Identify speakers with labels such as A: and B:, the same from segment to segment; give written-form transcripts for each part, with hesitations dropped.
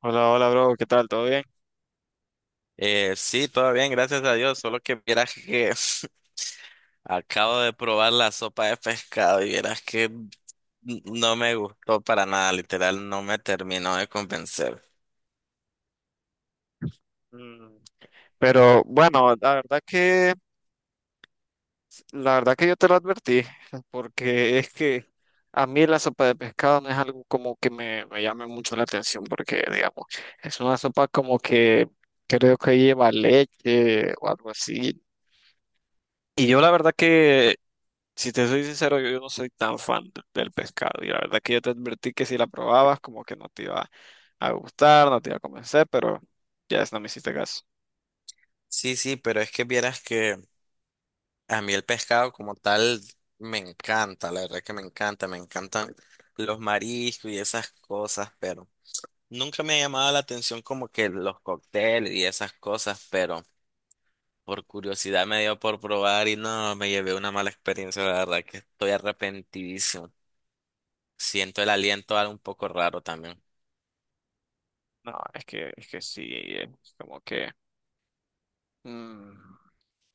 A: Hola, hola, bro, ¿qué tal? ¿Todo bien?
B: Sí, todo bien, gracias a Dios. Solo que vieras que acabo de probar la sopa de pescado y vieras que no me gustó para nada, literal, no me terminó de convencer.
A: Mm. Pero bueno, la verdad que yo te lo advertí, porque es que a mí la sopa de pescado no es algo como que me llame mucho la atención, porque digamos, es una sopa como que creo que lleva leche o algo así. Y yo la verdad que, si te soy sincero, yo no soy tan fan del pescado, y la verdad que yo te advertí que si la probabas, como que no te iba a gustar, no te iba a convencer, pero ya es, no me hiciste caso.
B: Sí, sí, pero es que vieras que a mí el pescado como tal me encanta, la verdad que me encanta, me encantan los mariscos y esas cosas, pero nunca me ha llamado la atención como que los cócteles y esas cosas, pero. Por curiosidad me dio por probar y no, me llevé una mala experiencia, la verdad que estoy arrepentidísimo. Siento el aliento algo un poco raro también.
A: No, es que sí, es como que... mm,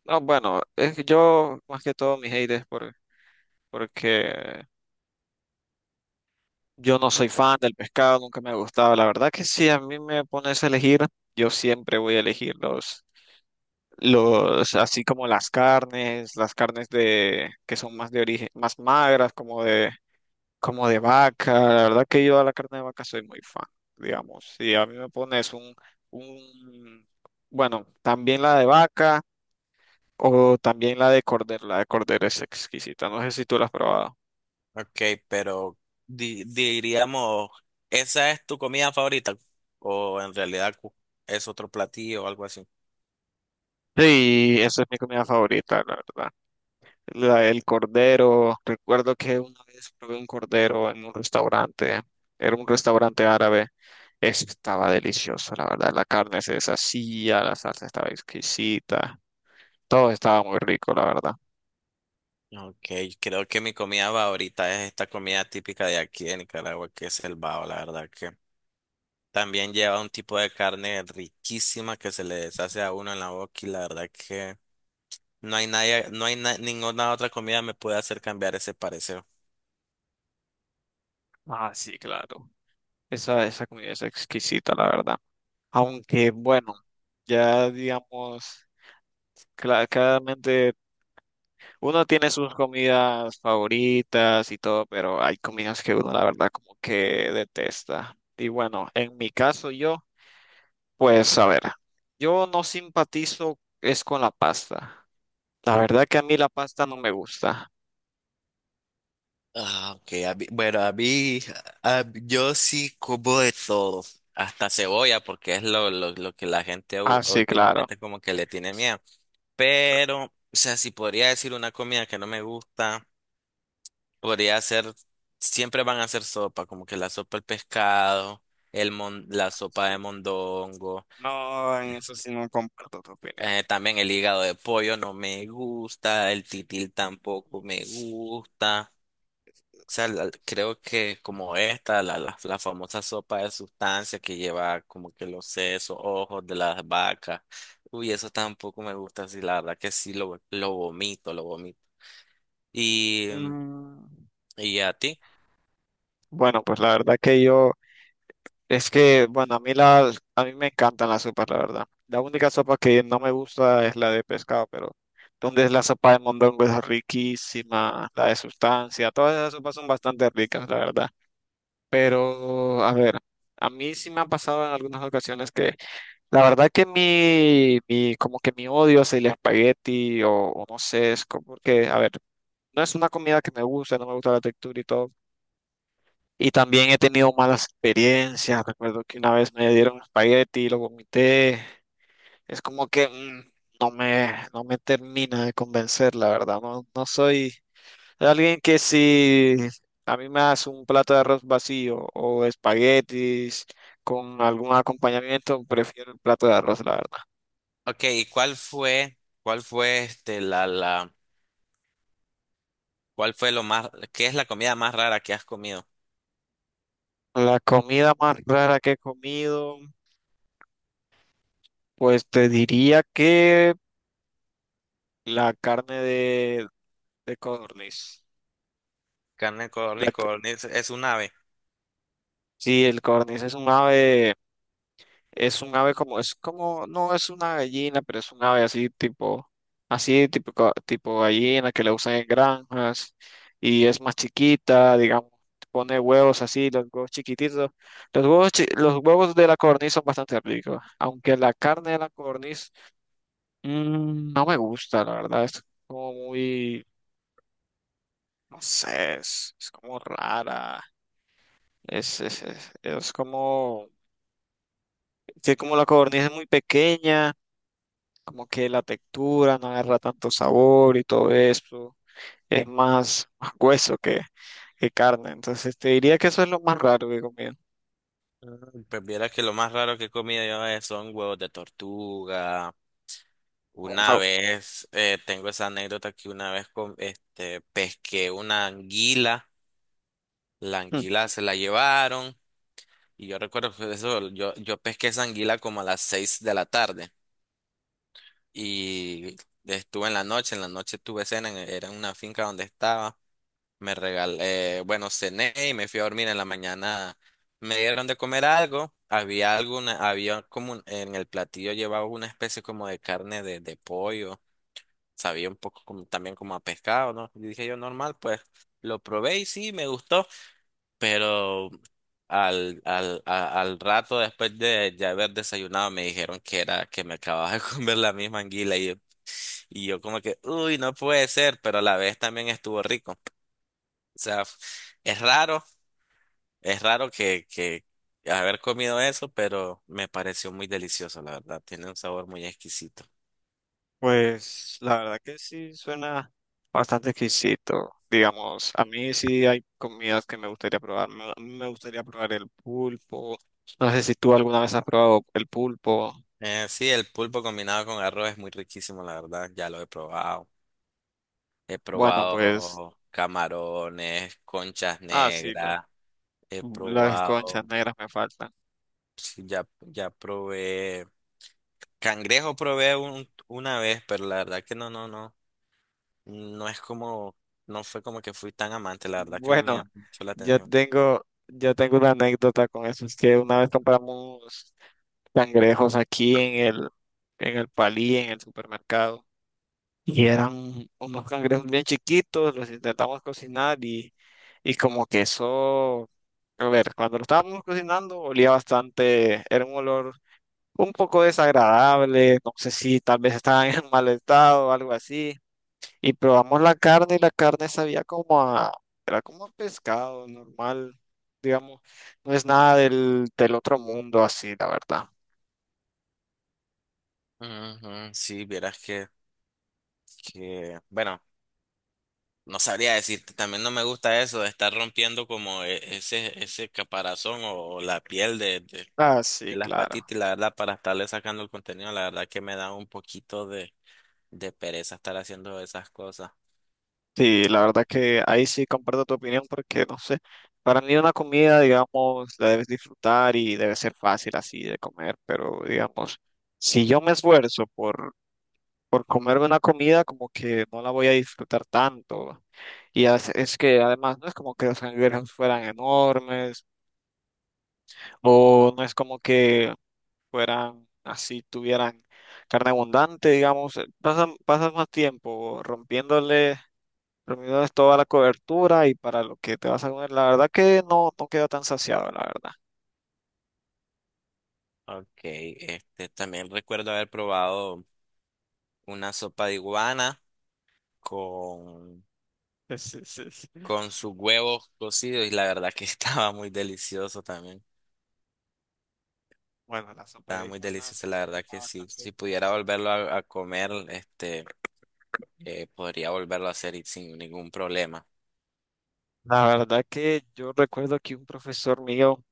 A: no, bueno, es que yo más que todo mis hate es porque yo no soy fan del pescado, nunca me ha gustado. La verdad que si a mí me pones a elegir, yo siempre voy a elegir los, así como las carnes de, que son más de origen, más magras, como de vaca. La verdad que yo a la carne de vaca soy muy fan, digamos. Si a mí me pones un, bueno, también la de vaca. O también la de cordero es exquisita, no sé si tú la has probado.
B: Ok, pero diríamos, ¿esa es tu comida favorita? ¿O en realidad es otro platillo o algo así?
A: Sí, esa es mi comida favorita, la verdad. La del cordero, recuerdo que una vez probé un cordero en un restaurante, era un restaurante árabe, estaba delicioso, la verdad, la carne se deshacía, la salsa estaba exquisita, todo estaba muy rico, la verdad.
B: Ok, creo que mi comida favorita es esta comida típica de aquí de Nicaragua, que es el bao, la verdad que también lleva un tipo de carne riquísima que se le deshace a uno en la boca y la verdad que... No hay nadie, no hay ninguna otra comida me puede hacer cambiar ese parecer.
A: Ah, sí, claro. Esa comida es exquisita, la verdad. Aunque, bueno, ya digamos, claramente, uno tiene sus comidas favoritas y todo, pero hay comidas que uno la verdad como que detesta. Y bueno, en mi caso yo, pues a ver, yo no simpatizo es con la pasta. La verdad que a mí la pasta no me gusta.
B: Ah, ok. Bueno, a mí, yo sí como de todo. Hasta cebolla, porque es lo que la gente
A: Ah, sí, claro.
B: últimamente como que le tiene miedo. Pero, o sea, si podría decir una comida que no me gusta, podría ser, siempre van a ser sopa, como que la sopa del pescado, el la sopa de
A: Así que
B: mondongo.
A: no, en eso sí no comparto tu opinión.
B: También el hígado de pollo no me gusta, el titil tampoco me gusta. O sea, creo que como esta, la famosa sopa de sustancias que lleva como que los sesos, ojos de las vacas. Uy, eso tampoco me gusta, sí, la verdad que sí, lo vomito, lo vomito. Y,
A: Mm.
B: y a ti.
A: Bueno, pues la verdad que yo, es que, bueno, a mí me encantan las sopas, la verdad. La única sopa que no me gusta es la de pescado, pero donde es la sopa de mondongo es riquísima, la de sustancia, todas esas sopas son bastante ricas, la verdad. Pero, a ver, a mí sí me ha pasado en algunas ocasiones que, la verdad que mi como que mi odio hacia el espagueti o no sé, es como que, a ver, no es una comida que me gusta, no me gusta la textura y todo y también he tenido malas experiencias. Recuerdo que una vez me dieron espagueti y lo vomité. Es como que no me termina de convencer, la verdad. No, no soy alguien que si a mí me das un plato de arroz vacío o espaguetis con algún acompañamiento, prefiero el plato de arroz, la verdad.
B: Ok, cuál fue este, cuál fue lo más, ¿qué es la comida más rara que has comido?
A: La comida más rara que he comido, pues te diría que la carne de codorniz.
B: Carne de
A: La
B: codorniz, codorniz, es un ave.
A: sí, el cornis es un ave como, es como, no es una gallina, pero es un ave así tipo, así tipo, tipo gallina que le usan en granjas y es más chiquita, digamos, pone huevos así, los huevos chiquititos. Los huevos, los huevos de la cornis son bastante ricos, aunque la carne de la cornis no me gusta, la verdad, es como muy, no sé, es como rara, es como... que como la codorniz es muy pequeña, como que la textura no agarra tanto sabor y todo eso, más hueso que carne. Entonces te diría que eso es lo más raro que he comido.
B: Mm, pues viera que lo más raro que he comido yo son huevos de tortuga. Una
A: Wow.
B: vez, tengo esa anécdota que una vez pesqué una anguila, la
A: Hmm.
B: anguila se la llevaron y yo recuerdo que eso, yo pesqué esa anguila como a las 6 de la tarde y estuve en la noche tuve cena, era en una finca donde estaba. Me regalé, bueno, cené y me fui a dormir en la mañana. Me dieron de comer algo. Había alguna, había como en el platillo llevaba una especie como de carne de pollo. Sabía un poco como, también como a pescado, ¿no? Y dije yo, normal, pues lo probé y sí, me gustó. Pero al rato después de ya haber desayunado me dijeron que era que me acababa de comer la misma anguila y yo como que, uy, no puede ser, pero a la vez también estuvo rico. O sea, es raro. Es raro que haber comido eso, pero me pareció muy delicioso, la verdad. Tiene un sabor muy exquisito.
A: Pues la verdad que sí suena bastante exquisito. Digamos, a mí sí hay comidas que me gustaría probar. Me gustaría probar el pulpo. No sé si tú alguna vez has probado el pulpo.
B: Sí, el pulpo combinado con arroz es muy riquísimo, la verdad. Ya lo he probado. He
A: Bueno, pues,
B: probado camarones, conchas
A: ah, sí,
B: negras. He
A: las conchas
B: probado,
A: negras me faltan.
B: sí, ya probé. Cangrejo probé una vez, pero la verdad que no. No es como, no fue como que fui tan amante, la verdad que no me
A: Bueno,
B: llamó mucho la atención.
A: yo tengo una anécdota con eso. Es que una vez compramos cangrejos aquí en el Palí, en el supermercado. Y eran unos cangrejos bien chiquitos, los intentamos cocinar y como que eso, a ver, cuando lo estábamos cocinando olía bastante, era un olor un poco desagradable, no sé si tal vez estaban en mal estado o algo así. Y probamos la carne y la carne sabía como a, era como a pescado normal, digamos. No es nada del otro mundo así, la verdad.
B: Ujú, sí, vieras que. Que, bueno, no sabría decirte, también no me gusta eso de estar rompiendo como ese, ese caparazón o la piel
A: Ah, sí,
B: de las
A: claro.
B: patitas, y la verdad, para estarle sacando el contenido, la verdad que me da un poquito de pereza estar haciendo esas cosas. Mm,
A: Sí, la verdad que ahí sí comparto tu opinión porque, no sé, para mí una comida, digamos, la debes disfrutar y debe ser fácil así de comer, pero, digamos, si yo me esfuerzo por comerme una comida, como que no la voy a disfrutar tanto. Y as- es que además no es como que los canguros fueran enormes. O no es como que fueran así, tuvieran carne abundante, digamos. Pasas más tiempo rompiéndoles toda la cobertura y para lo que te vas a comer, la verdad que no, no queda tan saciado, la verdad.
B: ok, este, también recuerdo haber probado una sopa de iguana con,
A: Es- es- es-
B: con sus huevos cocidos y la verdad que estaba muy delicioso también.
A: Bueno, la sopa
B: Estaba
A: de
B: muy
A: iguanas
B: delicioso,
A: sí
B: la
A: me
B: verdad
A: llama
B: que sí.
A: bastante.
B: Si pudiera volverlo a comer, este, podría volverlo a hacer y sin ningún problema.
A: La verdad que yo recuerdo que un profesor mío,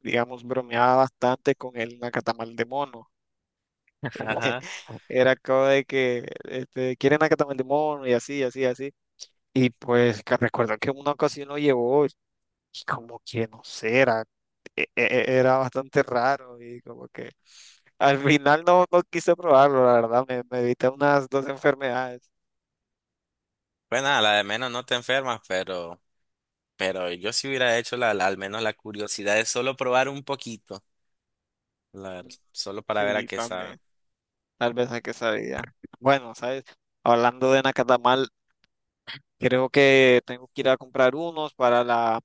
A: digamos, bromeaba bastante con el nacatamal de mono.
B: Ajá.
A: Era como de que este, quieren nacatamal de mono y así, así, así. Y pues que recuerdo que en una ocasión lo llevó y como que no sé, era, era bastante raro y como que al final no, no quise probarlo, la verdad, me evité unas 2 enfermedades.
B: Pues nada, la de menos no te enfermas, pero yo sí hubiera hecho al menos la curiosidad de solo probar un poquito, la-
A: Mm.
B: solo para ver a
A: Sí,
B: qué sabe.
A: también, tal vez hay que sabía. Bueno, ¿sabes? Hablando de nacatamal, creo que tengo que ir a comprar unos para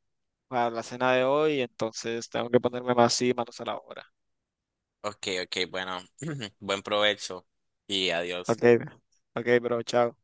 A: para la cena de hoy, entonces tengo que ponerme más y manos a la obra.
B: Ok, ok, bueno, buen provecho y
A: Ok,
B: adiós.
A: ok, bro, chao.